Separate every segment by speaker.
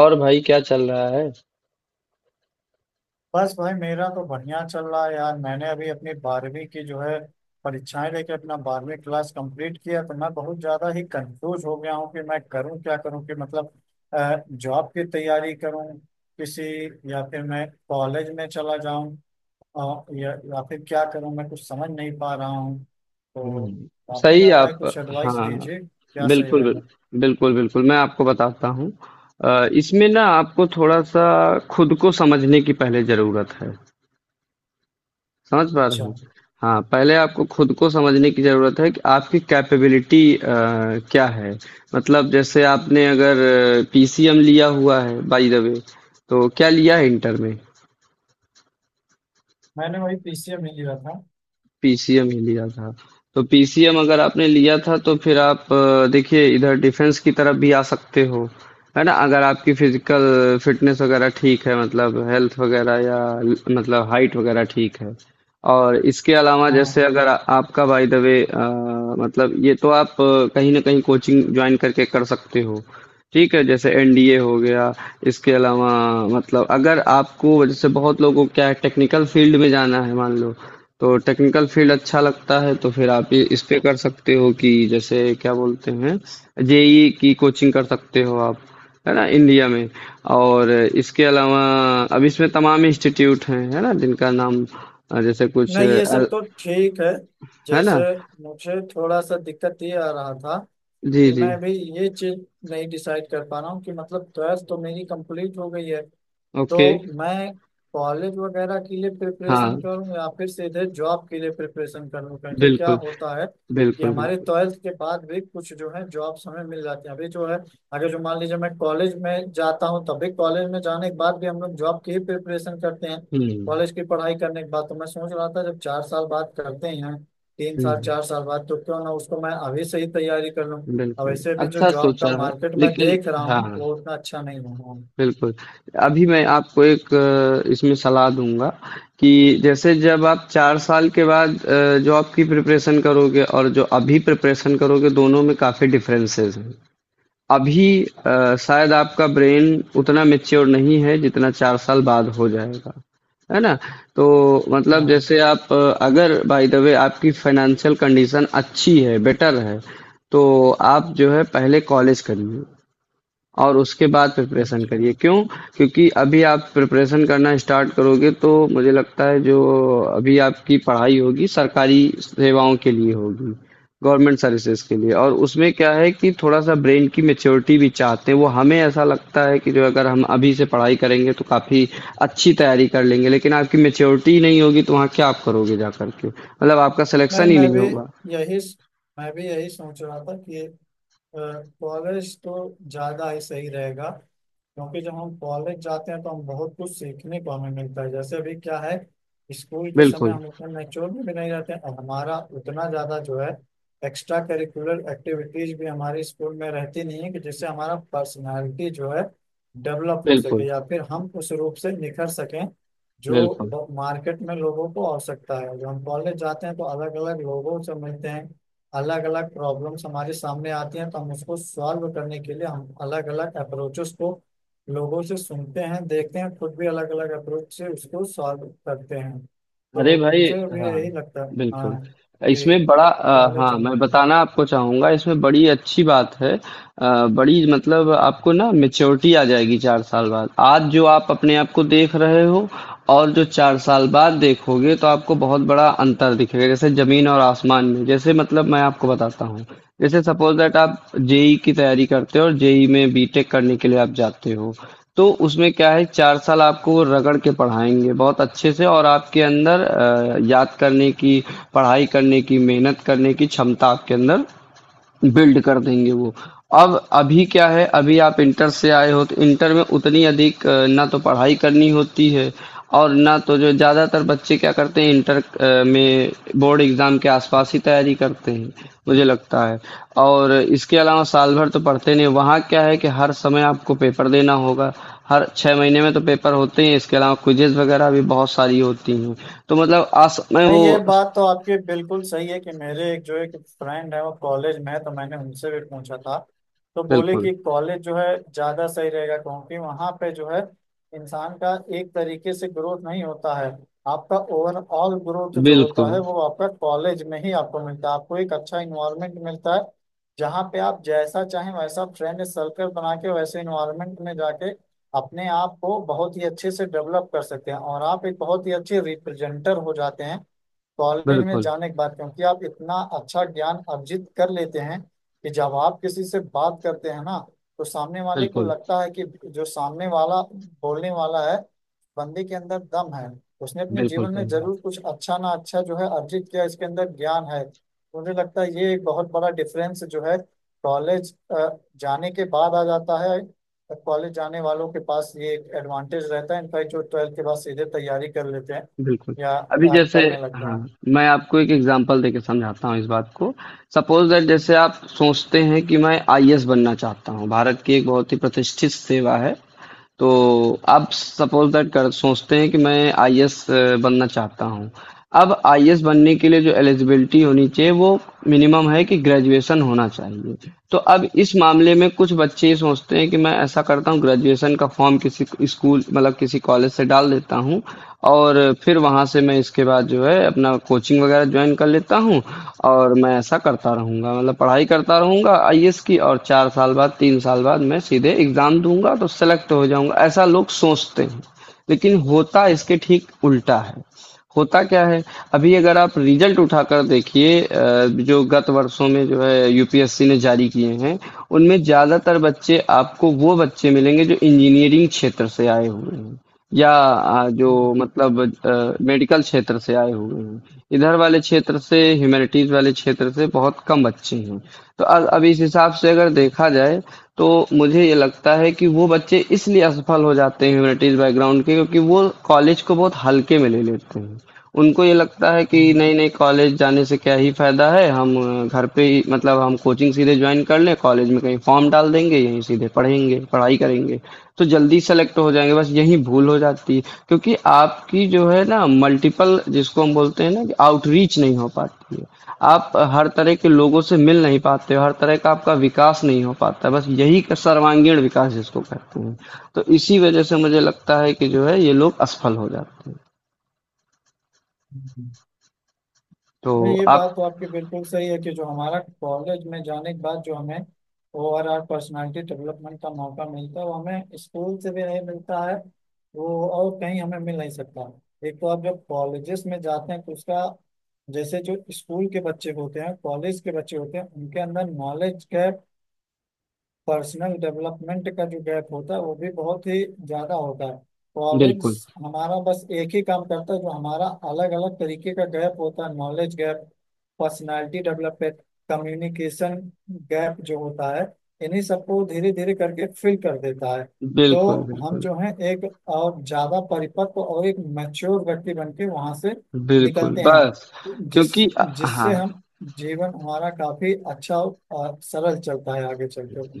Speaker 1: और भाई क्या चल रहा है?
Speaker 2: बस भाई, मेरा तो बढ़िया चल रहा है यार। मैंने अभी अपनी बारहवीं की जो है परीक्षाएं लेके अपना बारहवीं क्लास कंप्लीट किया, तो मैं बहुत ज्यादा ही कंफ्यूज हो गया हूँ कि मैं करूँ क्या करूँ कि मतलब जॉब की तैयारी करूँ किसी, या फिर मैं कॉलेज में चला जाऊँ, और या फिर क्या करूँ, मैं कुछ समझ नहीं पा रहा हूँ तो
Speaker 1: हम्म।
Speaker 2: काफी
Speaker 1: सही
Speaker 2: ज्यादा है।
Speaker 1: आप।
Speaker 2: कुछ एडवाइस
Speaker 1: हाँ।
Speaker 2: दीजिए, क्या सही
Speaker 1: बिल्कुल
Speaker 2: रहेगा।
Speaker 1: बिल्कुल बिल्कुल मैं आपको बताता हूँ। इसमें ना आपको थोड़ा सा खुद को समझने की पहले जरूरत है। समझ पा
Speaker 2: अच्छा।
Speaker 1: रहे हैं? हाँ, पहले आपको खुद को समझने की जरूरत है कि आपकी कैपेबिलिटी क्या है। मतलब जैसे आपने अगर पीसीएम लिया हुआ है बाय द वे, तो क्या लिया है इंटर में?
Speaker 2: मैंने वही पीसीएम ही लिया था।
Speaker 1: पीसीएम ही लिया था। तो पीसीएम अगर आपने लिया था तो फिर आप देखिए इधर डिफेंस की तरफ भी आ सकते हो, है ना? अगर आपकी फिजिकल फिटनेस वगैरह ठीक है मतलब हेल्थ वगैरह या मतलब हाइट वगैरह ठीक है। और इसके अलावा
Speaker 2: हाँ।
Speaker 1: जैसे अगर आपका बाय द वे मतलब ये तो आप कहीं ना कहीं कोचिंग ज्वाइन करके कर सकते हो। ठीक है जैसे एनडीए हो गया। इसके अलावा मतलब अगर आपको जैसे बहुत लोगों को क्या है टेक्निकल फील्ड में जाना है मान लो, तो टेक्निकल फील्ड अच्छा लगता है तो फिर आप ये इस पे कर सकते हो कि जैसे क्या बोलते हैं जेई की कोचिंग कर सकते हो आप, है ना, इंडिया में। और इसके अलावा अब इसमें तमाम इंस्टीट्यूट हैं, है ना, जिनका नाम जैसे कुछ
Speaker 2: नहीं, ये
Speaker 1: अल,
Speaker 2: सब तो ठीक है।
Speaker 1: है
Speaker 2: जैसे,
Speaker 1: ना।
Speaker 2: मुझे थोड़ा सा दिक्कत ये आ रहा था
Speaker 1: जी
Speaker 2: कि
Speaker 1: जी।
Speaker 2: मैं भी ये चीज नहीं डिसाइड कर पा रहा हूँ कि मतलब ट्वेल्थ तो मेरी कंप्लीट हो गई है, तो
Speaker 1: ओके।
Speaker 2: मैं कॉलेज वगैरह के लिए
Speaker 1: हाँ,
Speaker 2: प्रिपरेशन करूं या फिर सीधे जॉब के लिए प्रिपरेशन करूं, क्योंकि क्या
Speaker 1: बिल्कुल
Speaker 2: होता है कि
Speaker 1: बिल्कुल
Speaker 2: हमारे
Speaker 1: बिल्कुल।
Speaker 2: ट्वेल्थ के बाद भी कुछ जो है जॉब्स हमें मिल जाती है अभी जो है। अगर जो मान लीजिए मैं कॉलेज में जाता हूँ, तभी कॉलेज में जाने के बाद भी हम लोग जॉब की ही प्रिपरेशन करते हैं
Speaker 1: हम्म।
Speaker 2: कॉलेज की पढ़ाई करने के बाद। तो मैं सोच रहा था जब चार साल बाद करते ही हैं, तीन साल
Speaker 1: हम्म।
Speaker 2: चार साल बाद, तो क्यों ना उसको मैं अभी से ही तैयारी कर लूँ। और
Speaker 1: बिल्कुल,
Speaker 2: वैसे भी जो
Speaker 1: अच्छा
Speaker 2: जॉब
Speaker 1: सोचा
Speaker 2: का
Speaker 1: है
Speaker 2: मार्केट मैं
Speaker 1: लेकिन।
Speaker 2: देख रहा हूँ,
Speaker 1: हाँ,
Speaker 2: वो उतना अच्छा नहीं हो रहा है।
Speaker 1: बिल्कुल। अभी मैं आपको एक इसमें सलाह दूँगा कि जैसे जब आप 4 साल के बाद जो आपकी प्रिपरेशन करोगे और जो अभी प्रिपरेशन करोगे, दोनों में काफ़ी डिफरेंसेस हैं। अभी शायद आपका ब्रेन उतना मैच्योर नहीं है जितना चार साल बाद हो जाएगा, है ना। तो मतलब
Speaker 2: हाँ,
Speaker 1: जैसे आप अगर बाय द वे आपकी फाइनेंशियल कंडीशन अच्छी है बेटर है, तो आप जो है पहले कॉलेज करिए और उसके बाद प्रिपरेशन
Speaker 2: अच्छा।
Speaker 1: करिए क्यों, क्योंकि अभी आप प्रिपरेशन करना स्टार्ट करोगे तो मुझे लगता है जो अभी आपकी पढ़ाई होगी सरकारी सेवाओं के लिए होगी, गवर्नमेंट सर्विसेज के लिए, और उसमें क्या है कि थोड़ा सा ब्रेन की मेच्योरिटी भी चाहते हैं वो। हमें ऐसा लगता है कि जो अगर हम अभी से पढ़ाई करेंगे तो काफ़ी अच्छी तैयारी कर लेंगे लेकिन आपकी मेच्योरिटी नहीं होगी तो वहाँ क्या आप करोगे जा करके, मतलब आपका
Speaker 2: नहीं,
Speaker 1: सिलेक्शन ही नहीं होगा।
Speaker 2: यही मैं भी यही सोच रहा था कि कॉलेज तो ज़्यादा ही सही रहेगा, क्योंकि जब हम कॉलेज जाते हैं तो हम बहुत कुछ सीखने को हमें मिलता है। जैसे अभी क्या है, स्कूल के समय
Speaker 1: बिल्कुल
Speaker 2: हम उतना नेचुरल में भी नहीं रहते हैं, और हमारा उतना ज़्यादा जो है एक्स्ट्रा करिकुलर एक्टिविटीज भी हमारे स्कूल में रहती नहीं है, कि जिससे हमारा पर्सनालिटी जो है डेवलप हो
Speaker 1: बिल्कुल
Speaker 2: सके या फिर हम उस रूप से निखर सकें,
Speaker 1: बिल्कुल।
Speaker 2: जो मार्केट में लोगों को आवश्यकता है। जब हम कॉलेज जाते हैं तो अलग अलग लोगों से मिलते हैं, अलग अलग प्रॉब्लम्स हमारे सामने आती हैं, तो हम उसको सॉल्व करने के लिए हम अलग अलग अप्रोचेस को लोगों से सुनते हैं, देखते हैं, खुद भी अलग अलग अप्रोच से उसको सॉल्व करते हैं।
Speaker 1: अरे
Speaker 2: तो
Speaker 1: भाई,
Speaker 2: मुझे भी
Speaker 1: हाँ,
Speaker 2: यही लगता है,
Speaker 1: बिल्कुल।
Speaker 2: हाँ कि
Speaker 1: इसमें बड़ा
Speaker 2: कॉलेज
Speaker 1: हाँ
Speaker 2: जाना
Speaker 1: मैं
Speaker 2: चाहिए।
Speaker 1: बताना आपको चाहूंगा, इसमें बड़ी अच्छी बात है बड़ी मतलब आपको ना मेच्योरिटी आ जाएगी चार साल बाद। आज जो आप अपने आप को देख रहे हो और जो चार साल बाद देखोगे तो आपको बहुत बड़ा अंतर दिखेगा, जैसे जमीन और आसमान में। जैसे मतलब मैं आपको बताता हूँ, जैसे सपोज दैट आप जेई की तैयारी करते हो और जेई में बीटेक करने के लिए आप जाते हो, तो उसमें क्या है 4 साल आपको वो रगड़ के पढ़ाएँगे बहुत अच्छे से और आपके अंदर याद करने की, पढ़ाई करने की, मेहनत करने की क्षमता आपके अंदर बिल्ड कर देंगे वो। अब अभी क्या है, अभी आप इंटर से आए हो तो इंटर में उतनी अधिक ना तो पढ़ाई करनी होती है और ना तो जो, ज़्यादातर बच्चे क्या करते हैं इंटर में बोर्ड एग्ज़ाम के आसपास ही तैयारी करते हैं, मुझे लगता है। और इसके अलावा साल भर तो पढ़ते नहीं, वहाँ क्या है कि हर समय आपको पेपर देना होगा, हर छः महीने में तो पेपर होते हैं, इसके अलावा क्विजेज वगैरह भी बहुत सारी होती हैं। तो मतलब आस में
Speaker 2: नहीं,
Speaker 1: वो।
Speaker 2: ये बात तो आपकी बिल्कुल सही है कि मेरे एक जो एक फ्रेंड है वो कॉलेज में है, तो मैंने उनसे भी पूछा था तो बोले
Speaker 1: बिल्कुल
Speaker 2: कि कॉलेज जो है ज़्यादा सही रहेगा, क्योंकि वहाँ पे जो है इंसान का एक तरीके से ग्रोथ नहीं होता है। आपका ओवरऑल ग्रोथ जो होता
Speaker 1: बिल्कुल
Speaker 2: है वो आपका कॉलेज में ही आपको मिलता है। आपको एक अच्छा इन्वायरमेंट मिलता है जहाँ पे आप जैसा चाहें वैसा फ्रेंड सर्कल बना के वैसे इन्वायरमेंट में जाके अपने आप को बहुत ही अच्छे से डेवलप कर सकते हैं, और आप एक बहुत ही अच्छे रिप्रेजेंटर हो जाते हैं कॉलेज में
Speaker 1: बिल्कुल
Speaker 2: जाने के बाद, क्योंकि आप इतना अच्छा ज्ञान अर्जित कर लेते हैं कि जब आप किसी से बात करते हैं ना तो सामने वाले को
Speaker 1: बिल्कुल।
Speaker 2: लगता है कि जो सामने वाला बोलने वाला है, बंदे के अंदर दम है, उसने अपने
Speaker 1: बिल्कुल,
Speaker 2: जीवन में
Speaker 1: सही बात
Speaker 2: जरूर कुछ अच्छा ना अच्छा जो है अर्जित किया, इसके अंदर ज्ञान है। तो मुझे लगता है ये एक बहुत बड़ा डिफरेंस जो है कॉलेज जाने के बाद आ जाता है। कॉलेज जाने वालों के पास ये एक एडवांटेज रहता है, इनफैक्ट जो ट्वेल्थ के बाद सीधे तैयारी कर लेते हैं
Speaker 1: है। बिल्कुल।
Speaker 2: या
Speaker 1: अभी जैसे,
Speaker 2: करने लगते हैं।
Speaker 1: हाँ, मैं आपको एक एग्ज़ाम्पल देके समझाता हूँ इस बात को। सपोज़ दैट जैसे आप सोचते हैं कि मैं आईएएस बनना चाहता हूँ, भारत की एक बहुत ही प्रतिष्ठित सेवा है। तो आप सपोज़ दैट कर सोचते हैं कि मैं आईएएस बनना चाहता हूँ। अब आईएएस बनने के लिए जो एलिजिबिलिटी होनी चाहिए वो मिनिमम है कि ग्रेजुएशन होना चाहिए। तो अब इस मामले में कुछ बच्चे ये सोचते हैं कि मैं ऐसा करता हूँ, ग्रेजुएशन का फ़ॉर्म किसी स्कूल मतलब किसी कॉलेज से डाल देता हूँ और फिर वहाँ से मैं इसके बाद जो है अपना कोचिंग वगैरह ज्वाइन कर लेता हूँ और मैं ऐसा करता रहूँगा, मतलब पढ़ाई करता रहूँगा आईएएस की, और चार साल बाद तीन साल बाद मैं सीधे एग्ज़ाम दूंगा तो सेलेक्ट हो जाऊँगा, ऐसा लोग सोचते हैं। लेकिन होता इसके ठीक उल्टा है। होता क्या है, अभी अगर आप रिजल्ट उठाकर देखिए जो गत वर्षों में जो है यूपीएससी ने जारी किए हैं, उनमें ज़्यादातर बच्चे आपको वो बच्चे मिलेंगे जो इंजीनियरिंग क्षेत्र से आए हुए हैं। या
Speaker 2: हम्म,
Speaker 1: जो मतलब मेडिकल क्षेत्र से आए हुए हैं। इधर वाले क्षेत्र से, ह्यूमैनिटीज वाले क्षेत्र से बहुत कम बच्चे हैं। तो अब इस हिसाब से अगर देखा जाए तो मुझे ये लगता है कि वो बच्चे इसलिए असफल हो जाते हैं ह्यूमैनिटीज बैकग्राउंड के, क्योंकि वो कॉलेज को बहुत हल्के में ले लेते हैं। उनको ये लगता है कि
Speaker 2: हम्म,
Speaker 1: नहीं नहीं, कॉलेज जाने से क्या ही फायदा है, हम घर पे ही मतलब हम कोचिंग सीधे ज्वाइन कर लें, कॉलेज में कहीं फॉर्म डाल देंगे यहीं सीधे पढ़ेंगे पढ़ाई करेंगे तो जल्दी सेलेक्ट हो जाएंगे, बस यही भूल हो जाती है। क्योंकि आपकी जो है ना मल्टीपल जिसको हम बोलते हैं ना कि आउटरीच नहीं हो पाती है, आप हर तरह के लोगों से मिल नहीं पाते हो, हर तरह का आपका विकास नहीं हो पाता, बस यही का सर्वांगीण विकास जिसको कहते हैं। तो इसी वजह से मुझे लगता है कि जो है ये लोग असफल हो जाते हैं।
Speaker 2: हम्म।
Speaker 1: तो
Speaker 2: नहीं, ये बात
Speaker 1: आप।
Speaker 2: तो आपकी बिल्कुल सही है कि जो हमारा कॉलेज में जाने के बाद जो हमें ओवरऑल पर्सनालिटी डेवलपमेंट का मौका मिलता है वो हमें स्कूल से भी नहीं मिलता है, वो और कहीं हमें मिल नहीं सकता। एक तो आप जब कॉलेजेस में जाते हैं तो उसका, जैसे जो स्कूल के बच्चे होते हैं कॉलेज के बच्चे होते हैं उनके अंदर नॉलेज गैप, पर्सनल डेवलपमेंट का जो गैप होता है वो भी बहुत ही ज्यादा होता है। कॉलेज
Speaker 1: बिल्कुल,
Speaker 2: हमारा बस एक ही काम करता है, जो हमारा अलग अलग तरीके का गैप होता है, knowledge gap, personality development, communication gap जो होता है, इन्हीं सबको धीरे धीरे करके फिल कर देता है। तो
Speaker 1: बिल्कुल,
Speaker 2: हम
Speaker 1: बिल्कुल,
Speaker 2: जो है एक और ज्यादा परिपक्व और एक मैच्योर व्यक्ति बन के वहां से
Speaker 1: बिल्कुल,
Speaker 2: निकलते हैं,
Speaker 1: बस
Speaker 2: जिस
Speaker 1: क्योंकि हाँ,
Speaker 2: जिससे हम जीवन हमारा काफी अच्छा और सरल चलता है आगे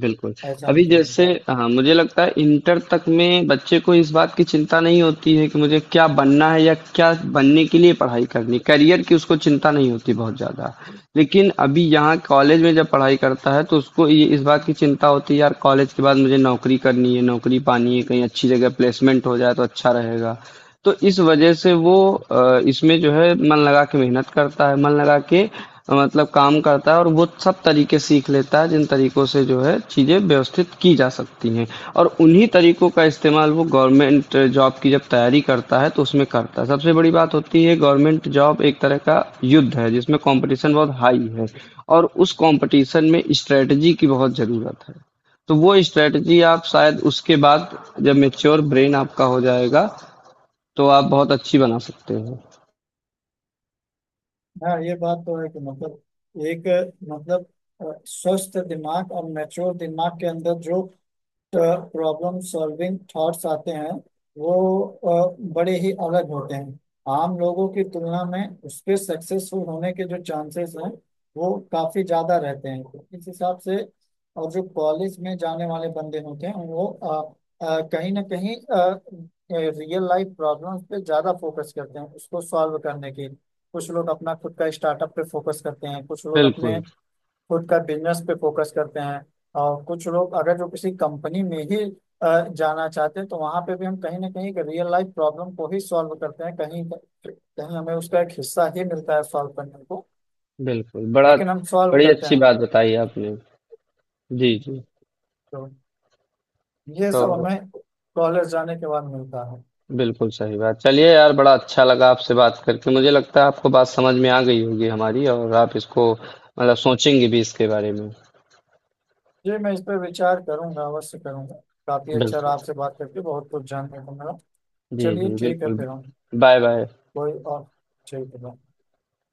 Speaker 1: बिल्कुल।
Speaker 2: ऐसा
Speaker 1: अभी
Speaker 2: मुझे
Speaker 1: जैसे,
Speaker 2: लगता है।
Speaker 1: हाँ, मुझे लगता है इंटर तक में बच्चे को इस बात की चिंता नहीं होती है कि मुझे क्या बनना है या क्या बनने के लिए पढ़ाई करनी है, करियर की उसको चिंता नहीं होती बहुत ज़्यादा। लेकिन अभी यहाँ कॉलेज में जब पढ़ाई करता है तो उसको ये इस बात की चिंता होती है यार कॉलेज के बाद मुझे नौकरी करनी है, नौकरी पानी है, कहीं अच्छी जगह प्लेसमेंट हो जाए तो अच्छा रहेगा। तो इस वजह से वो इसमें जो है मन लगा के मेहनत करता है, मन लगा के मतलब काम करता है, और वो सब तरीके सीख लेता है जिन तरीकों से जो है चीज़ें व्यवस्थित की जा सकती हैं, और उन्हीं तरीकों का इस्तेमाल वो गवर्नमेंट जॉब की जब तैयारी करता है तो उसमें करता है। सबसे बड़ी बात होती है, गवर्नमेंट जॉब एक तरह का युद्ध है जिसमें कंपटीशन बहुत हाई है और उस कंपटीशन में स्ट्रेटजी की बहुत ज़रूरत है। तो वो स्ट्रेटजी आप शायद उसके बाद, जब मेच्योर ब्रेन आपका हो जाएगा, तो आप बहुत अच्छी बना सकते हो।
Speaker 2: हाँ, ये बात तो है कि मतलब एक मतलब स्वस्थ दिमाग और मैच्योर दिमाग के अंदर जो प्रॉब्लम सॉल्विंग थॉट्स आते हैं वो बड़े ही अलग होते हैं आम लोगों की तुलना में। उसके सक्सेसफुल होने के जो चांसेस हैं वो काफ़ी ज़्यादा रहते हैं इस हिसाब से। और जो कॉलेज में जाने वाले बंदे होते हैं वो कहीं ना कहीं रियल लाइफ प्रॉब्लम्स पे ज़्यादा फोकस करते हैं उसको सॉल्व करने के। कुछ लोग अपना खुद का स्टार्टअप पे फोकस करते हैं, कुछ लोग अपने
Speaker 1: बिल्कुल,
Speaker 2: खुद का बिजनेस पे फोकस करते हैं, और कुछ लोग अगर जो किसी कंपनी में ही जाना चाहते हैं तो वहां पे भी हम कहीं ना कहीं रियल लाइफ प्रॉब्लम को ही सॉल्व करते हैं, कहीं कहीं हमें उसका एक हिस्सा ही मिलता है सॉल्व करने को,
Speaker 1: बिल्कुल। बड़ा
Speaker 2: लेकिन हम सॉल्व
Speaker 1: बड़ी
Speaker 2: करते
Speaker 1: अच्छी
Speaker 2: हैं।
Speaker 1: बात बताई आपने। जी, जी।
Speaker 2: तो ये
Speaker 1: तो
Speaker 2: सब हमें कॉलेज जाने के बाद मिलता है।
Speaker 1: बिल्कुल सही बात। चलिए यार, बड़ा अच्छा लगा आपसे बात करके। मुझे लगता है आपको बात समझ में आ गई होगी हमारी और आप इसको मतलब सोचेंगे भी इसके बारे में।
Speaker 2: जी, मैं इस पर विचार करूंगा, अवश्य करूंगा। काफी अच्छा रहा
Speaker 1: बिल्कुल।
Speaker 2: आपसे बात करके, बहुत कुछ जानने को मिला।
Speaker 1: जी,
Speaker 2: चलिए
Speaker 1: जी,
Speaker 2: ठीक है
Speaker 1: बिल्कुल।
Speaker 2: फिर हम
Speaker 1: बाय, बाय।
Speaker 2: कोई और, ठीक है।